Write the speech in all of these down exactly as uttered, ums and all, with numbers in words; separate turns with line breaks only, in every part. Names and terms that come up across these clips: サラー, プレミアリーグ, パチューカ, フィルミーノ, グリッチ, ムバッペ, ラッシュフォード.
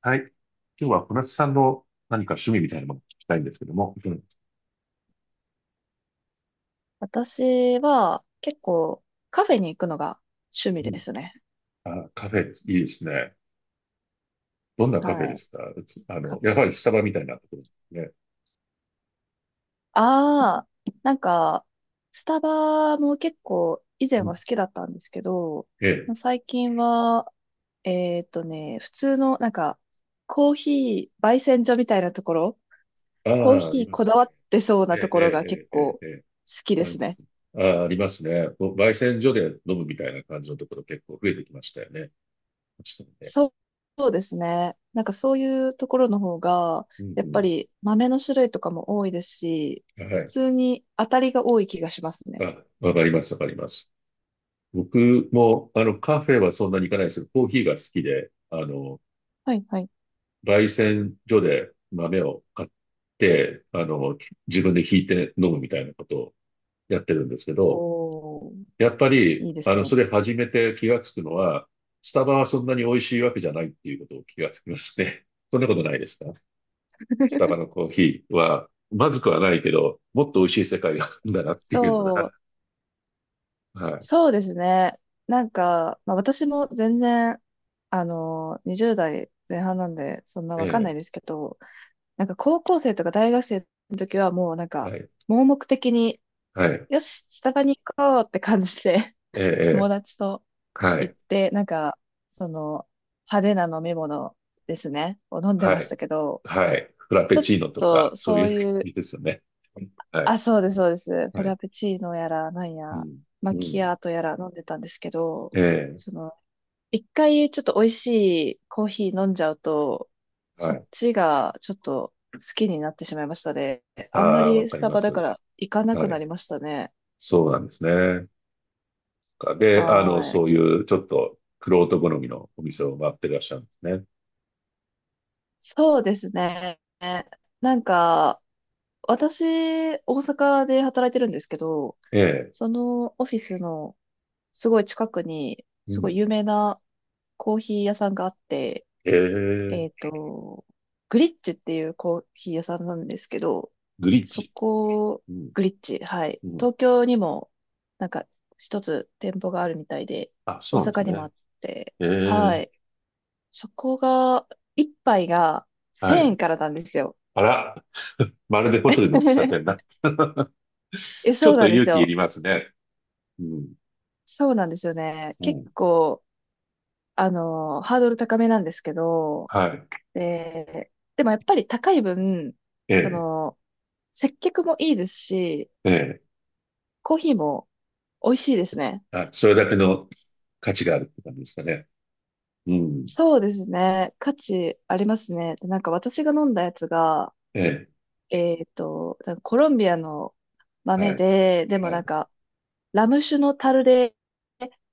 はい。今日は小夏さんの何か趣味みたいなものを聞きたいんですけども。うん。
私は結構カフェに行くのが趣味
う
で
ん。
すね。
あ、カフェ、いいですね。どんなカフェ
は
で
い。
すか？うち、あ
カ
の、
フ
や
ェ。
はりスタバみたいなところですね。
ああ、なんか、スタバも結構以前
うん。
は好きだったんですけど、
ええ。
最近は、えーっとね、普通のなんか、コーヒー焙煎所みたいなところ、
あ
コー
あ、あ
ヒ
り
ー
ま
こ
す
だわっ
ね。
てそう
え
なところが結
え、ええ、ええ、
構
え
好
え。ええ、
きで
あり
す
ま
ね。
す。ああ、ありますね。こう焙煎所で飲むみたいな感じのところ結構増えてきましたよね。確かにね。
そうそうですね。なんかそういうところの方が、
う
やっぱ
ん
り豆の種類とかも多いですし、
うん。は
普
い。
通に当たりが多い気がしますね。
あ、わかります、わかります。僕も、あの、カフェはそんなに行かないですけど、コーヒーが好きで、あの、
はいはい。
焙煎所で豆を買って、あの、自分で挽いて飲むみたいなことをやってるんですけど、
おー、
やっぱり、
いいで
あ
す
の、
ね。
それ始めて気がつくのは、スタバはそんなに美味しいわけじゃないっていうことを気がつきますね。そんなことないですか？スタバのコーヒーは、まずくはないけど、もっと美味しい世界があるんだなっていうの
そ
が、
う、
はい、
そうですね。なんか、まあ私も全然、あの、にじゅう代前半なんで、そんなわかんな
え
いですけど、なんか高校生とか大学生の時はもうなん
え、
か、
はい、
盲目的に、
はい、
よし、スタバに行こうって感じで、
ええ、
友
ええ、
達と
は
行っ
い、
て、なんか、その、派手な飲み物ですね、を飲んでま
は
し
い、
たけど、
はい、フラペ
ちょっ
チーノとか、
と
そうい
そう
う感
いう、
じですよね。はい、
あ、そうです、そうです。フェ
はい。
ラペチーノやら、なん
う
や、
ん。
マ
う
キ
ん。
アートやら飲んでたんですけど、
ええ。
その、一回ちょっと美味しいコーヒー飲んじゃうと、
は
そっ
い。
ちがちょっと好きになってしまいましたね。
あ
あんま
あ、わ
り
か
ス
り
タ
ま
バだか
す。
ら行かなく
は
な
い。
りましたね。
そうなんですね。かで、あ
は
の、
ー
そう
い。
いうちょっと、玄人好みのお店を回ってらっしゃるんですね。
そうですね。なんか、私、大阪で働いてるんですけど、
ええ。
そのオフィスのすごい近くに、
う
すご
ん。
い有名なコーヒー屋さんがあって、
え
えっ
え。
と、グリッチっていうコーヒー屋さんなんですけど、
グリッ
そ
チ。
こ、
うん。
グリッチ、はい。
うん。
東京にも、なんか、一つ店舗があるみたいで、
あ、そ
大
うなんです
阪にもあ
ね。
って、
え
は
え。
い。そこが、一杯が
は
1000
い。
円からなんですよ。
あら、まるでホテルの喫茶店 だ。
え、
ちょ
そう
っと
なんです
勇気い
よ。
りますね。うん。
そうなんですよね。
う
結
ん。
構、あの、ハードル高めなんですけど、
はい。
で、でもやっぱり高い分、
え
そ
え。
の、接客もいいですし、
ええ。
コーヒーも美味しいですね。
あ、それだけの価値があるって感じですかね。うん。
そうですね。価値ありますね。でなんか私が飲んだやつが、
ええ。
えっと、多分コロンビアの豆
はい。
で、でも
は
なん
い。
か、ラム酒の樽で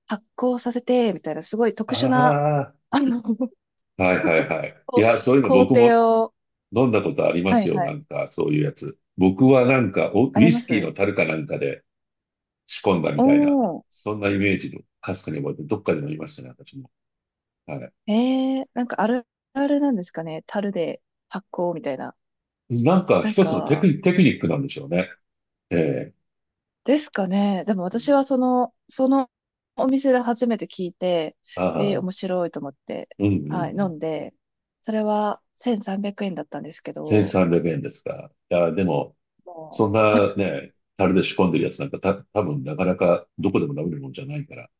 発酵させて、みたいな、すごい特殊な、
あ
あの、
あ、はいはいはい。い
こ
や、そういうの
工
僕も
程を、
飲んだことありま
はい
すよ。
は
な
い。
んか、そういうやつ。僕はなんか、おウ
あり
イ
ま
スキー
す。
の樽かなんかで仕込んだみ
お
たいな、
ー、
そんなイメージのかすかに覚えて、どっかで飲みましたね、私も。は
えー、なんかあるあるなんですかね。樽で発酵みたいな。
い。なんか、
なん
一つのテク
か、
ニ、テクニックなんでしょうね。ええ。
ですかね。でも
う
私
ん。
はその、そのお店で初めて聞いて、
ああ、
えー、
う
面
ん
白いと思って、
うんう
はい、飲
ん。
んで、それはせんさんびゃくえんだったんですけど、
せんさんびゃくえんですか。いや、でも、
も
そん
う、
なね、樽で仕込んでるやつなんか、た、多分なかなかどこでも飲めるもんじゃないから、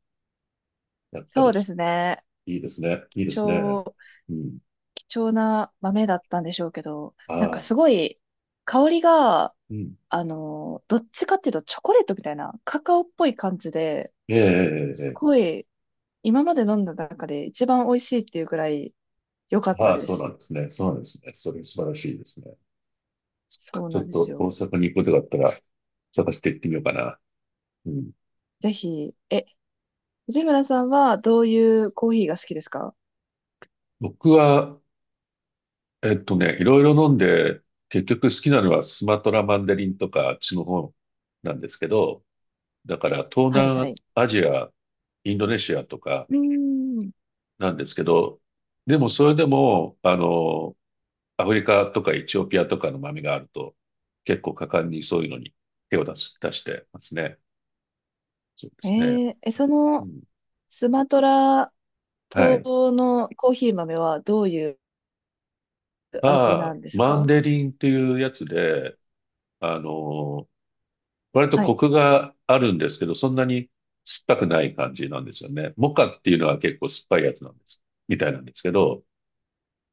やっぱ
そ
り、
うですね。
いいですね。いいで
貴
すね。
重、
うん。
貴重な豆だったんでしょうけど、なんか
は
すごい、香りが、
い。うん。
あの、どっちかっていうとチョコレートみたいな、カカオっぽい感じで、
ええ、ええ、
すご
え
い今まで飲んだ中で一番美味しいっていうくらい良かっ
え、
た
はい、
で
そうな
す。
んですね。そうなんですね。それ素晴らしいですね。
そう
ちょ
な
っ
んです
と大
よ。
阪に行くことがあったら探して行ってみようかな。うん。
ぜひ、え、藤村さんはどういうコーヒーが好きですか？
僕は、えっとね、いろいろ飲んで、結局好きなのはスマトラマンデリンとかあっちの方なんですけど、だから東
はいは
南
い。
アジア、インドネシアとか
うーん。
なんですけど、でもそれでも、あの、アフリカとかエチオピアとかの豆があると、結構果敢にそういうのに手を出す、出してますね。そうですね。
えーえ、そ
う
の
ん、
スマトラ
はい。
島のコーヒー豆はどういう味な
ああ、
んです
マン
か？
デリンっていうやつで、あのー割と
はい、
コクがあるんですけど、そんなに酸っぱくない感じなんですよね。モカっていうのは結構酸っぱいやつなんです、みたいなんですけど、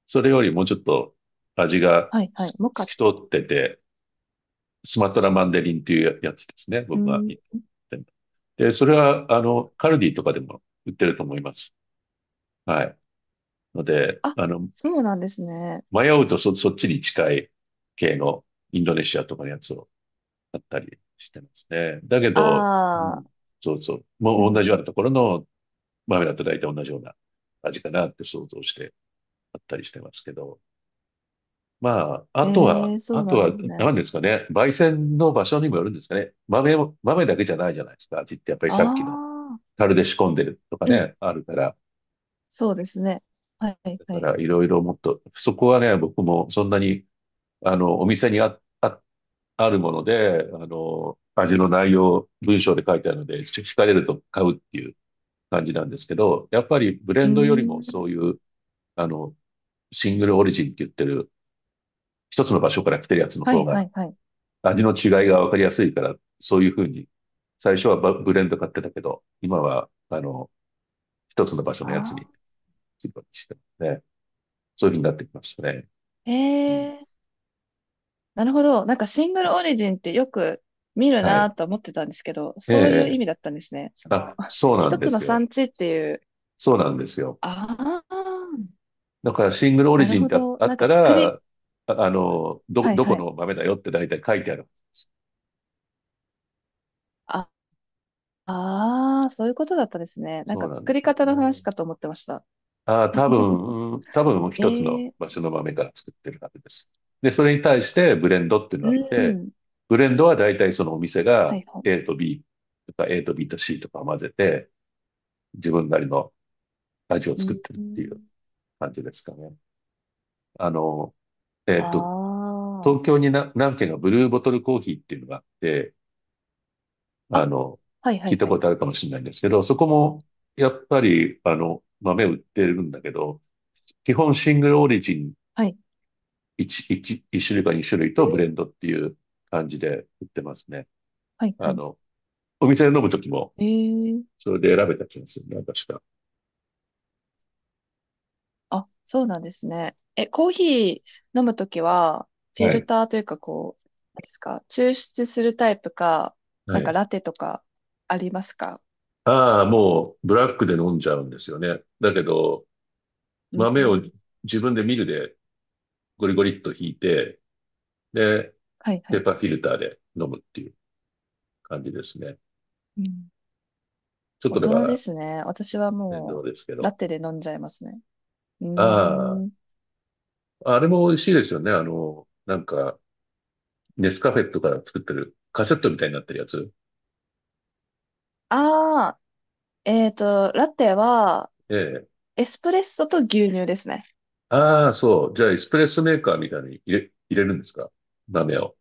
それよりもうちょっと味が
はい、はい。
す
モ
透
カ。
き通ってて、スマトラマンデリンっていうやつですね。
うー
僕が言っ
ん。
て。で、それは、あの、カルディとかでも売ってると思います。はい。ので、
あ、
あの、
そうなんですね。
迷うとそ、そっちに近い系のインドネシアとかのやつを買ったりしてますね。だけど、う
あ
ん、
あ。
そうそう。
う
もう
ん
同じようなところの豆だと大体同じような味かなって想像して買ったりしてますけど。まあ、あ
う
と
ん。
は、
えー、そ
あ
う
と
なんで
は、
すね。
何ですかね。焙煎の場所にもよるんですかね。豆も、豆だけじゃないじゃないですか。味ってやっぱり
あ
さっきの
あ。
樽で仕込んでるとか
うん、
ね、あるから。
そうですね。はい、はい
だ
は
か
い。
らいろいろもっと、そこはね、僕もそんなに、あの、お店にあ、あ、あるもので、あの、味の内容、文章で書いてあるので、ちょ惹かれると買うっていう感じなんですけど、やっぱりブレ
うー
ンドよりもそ
ん。
ういう、あの、シングルオリジンって言ってる、一つの場所から来てるやつの
は
方
いは
が、
いはい。
味の違いがわかりやすいから、そういうふうに、最初はバブレンド買ってたけど、今は、あの、一つの場所
あ
のやつに、
あ。
するようにしてますね。そういうふうになってきましたね。うん、
ええ。なるほど。なんかシングルオリジンってよく見る
は
な
い。
と思ってたんですけど、
ええ、
そういう意
え、
味だったんですね。その、
あ、そうなん
一
で
つの
すよ。
産地っていう。
そうなんですよ。
ああ、
だからシングルオリ
なる
ジンっ
ほ
てあ
ど。
あ
な
っ
ん
た
か作
ら、
り、
あ、あの、ど、
はい
どこ
はい。
の豆だよって大体書いてあるんです。
ああー、そういうことだったですね。なん
そ
か
うなん
作
で
り
すよ
方の話
ね。
かと思ってました。
ああ、多 分、うん多分一つ
え
の
え。
場所の豆から作ってるはずです。で、それに対してブレンドっていうの
う
があって、
ん。
ブレンドは大体そのお店
は
が
いはい。
A と ビー とか エー と B と シー とかを混ぜて、自分なりの味を
う
作ってるっていう
ん。
感じですかね。あの、えっと、
あ
東京にな何軒かブルーボトルコーヒーっていうのがあって、
あ。
あ
あ、
の、
はいは
聞い
い
た
は
こ
い。
とあるかもしれないんですけど、そこも、やっぱり、あの、豆売ってるんだけど、基本シングルオリジン
はい。
いち、一一種類かに種類
え
とブレ
ー、
ンドっていう感じで売ってますね。
はいは
あ
い。
の、お店で飲むときも、
え、
それで選べた気がするな、確か。
あ、そうなんですね。え、コーヒー飲むときは、フィ
は
ル
い。
ターというか、こう、なんですか、抽出するタイプか、
は
なんか
い。
ラテとかありますか？
ああ、もう、ブラックで飲んじゃうんですよね。だけど、
う
豆を
ん。
自分でミルでゴリゴリっとひいて、で、
はいは
ペ
い。
ーパーフィルターで飲むっていう感じですね。
うん。
ちょっと
大
だか
人で
ら
すね。私は
面倒
も
ですけ
う、ラ
ど。
テで飲んじゃいますね。うー
あ
ん。
あ、あれも美味しいですよね。あの、なんか、ネスカフェとか作ってるカセットみたいになってるやつ。
ああ、えっと、ラテは、
ええ。
エスプレッソと牛乳ですね。
ああ、そう。じゃあ、エスプレッソメーカーみたいに入れ、入れるんですか？豆を。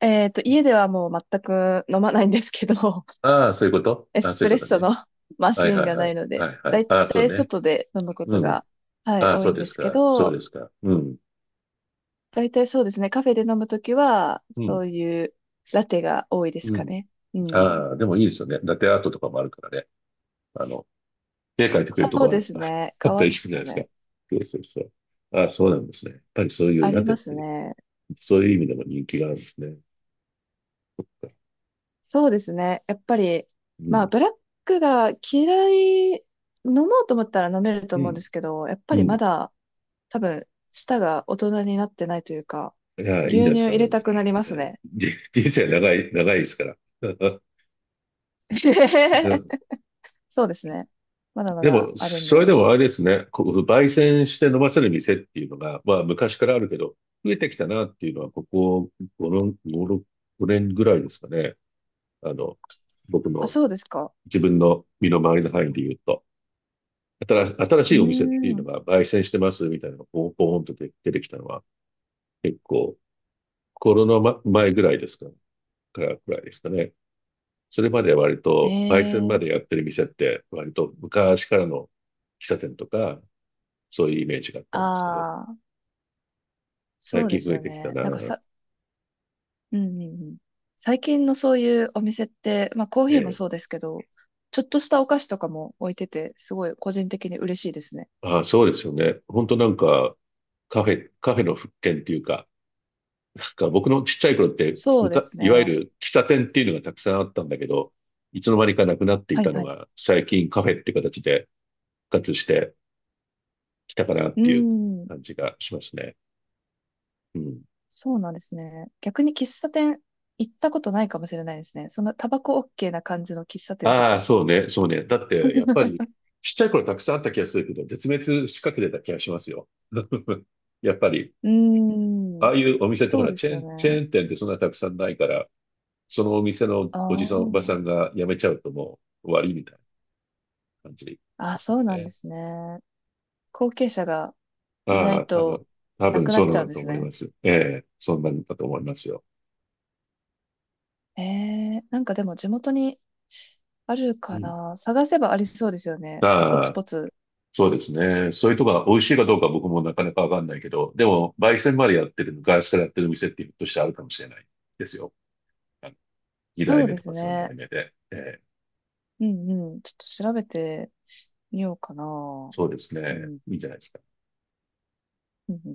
えっと、家ではもう全く飲まないんですけど、
ああ、そういうこと。
エ
ああ、
ス
そう
プ
い
レ
う
ッ
こと
ソ
ね。
の マ
は
シ
い
ーン
はい
が
は
な
い。
いので、
はいは
だ
い。
い
ああ、そ
た
う
い
ね。
外で飲むこ
う
と
ん。
が、はい、
ああ、
多
そう
いん
で
で
す
すけ
か。そうで
ど、
すか。うん。
だいたいそうですね、カフェで飲むときは、
う
そ
ん。
ういうラテが多いです
う
か
ん。
ね。うん。
ああ、でもいいですよね。ラテアートとかもあるからね。あの、絵描いてくれ
そ
ると
う
こあ
で
る
す
あ
ね、
あ
か
った
わい
り
いで
する
す
じゃな
よ
いですか。
ね。
そうそうそう。ああ、そうなんですね。やっぱりそういう
あり
ラテっ
ます
て、
ね。
そういう意味でも人気があるんですね。
そうですね、やっぱり、
う
まあ、
ん、
ブラックが嫌い、飲もうと思ったら飲めると
う
思うん
ん、
ですけど、やっぱ
う
りま
ん。
だ、多分、舌が大人になってないというか、
いや、いいん
牛
じゃないで
乳
すか。
入れたくなりま
え
す
ー
ね。
じ 人生長い、長いですから。
そうですね。まだま
で
だ
も、
あるん
それ
で。
でもあれですね、こう焙煎して飲ませる店っていうのが、まあ昔からあるけど、増えてきたなっていうのは、ここご、年ぐらいですかね。あの、僕
あ、
の
そうですか。
自分の身の回りの範囲で言うと。新し新し
う
い
ー
お店っていうの
ん。
が焙煎してますみたいなのがポンポンと出出てきたのは結構コロナま前ぐらいですか、からくらいですかね。それまで割
え
と焙煎までやっ
え。
てる店って割と昔からの喫茶店とかそういうイメージがあったんですけど、
ああー、そ
最
うで
近
す
増え
よ
てきた
ね。なんか
な。
さ、うんうんうん。最近のそういうお店って、まあコーヒーも
え
そう
え。
ですけど、ちょっとしたお菓子とかも置いてて、すごい個人的に嬉しいですね。
ああ、そうですよね。本当なんかカフェ、カフェの復権っていうか、なんか僕のちっちゃい頃って、
そ
む
うで
か、
す
いわゆ
ね。
る喫茶店っていうのがたくさんあったんだけど、いつの間にかなくなってい
はい
たの
はい。
が、最近カフェって形で復活してきたかなっ
う
ていう
ーん。
感じがしますね。うん。
そうなんですね。逆に喫茶店行ったことないかもしれないですね。そんなタバコ オーケー な感じの喫茶店と
ああ、
か。
そうね、そうね。だって、やっぱり、ちっちゃい頃たくさんあった気がするけど、絶滅しかけてた気がしますよ。やっぱり、
うー
あ
ん。
あいうお店ってほ
そう
ら、
で
チェ
す
ー
よ
ン、
ね。
チェーン店ってそんなたくさんないから、そのお店のおじさん、おば
あ
さんが辞めちゃうともう終わりみたいな感じ
あ。
で
あ、
す
そ
よ
うなんで
ね。
すね。後継者がいな
あ
い
あ、多
と、
分、多
な
分
くな
そう
っ
な
ちゃう
ん
ん
だ
で
と
す
思い
ね。
ます。ええ、そんなんだと思いますよ。
ええ、なんかでも地元にある
う
か
ん。
な。探せばありそうですよね。ポ
あ
ツ
あ、
ポツ。
そうですね。そういうとこが美味しいかどうか僕もなかなかわかんないけど、でも、焙煎までやってる、昔からやってる店ってひょっとしてあるかもしれないですよ。あの、に
そ
代
う
目
で
と
す
か三
ね。
代目で。ええ、
うんうん。ちょっと調べてみようかな。
そうです
う
ね。
ん。
いいんじゃないですか。
うんうん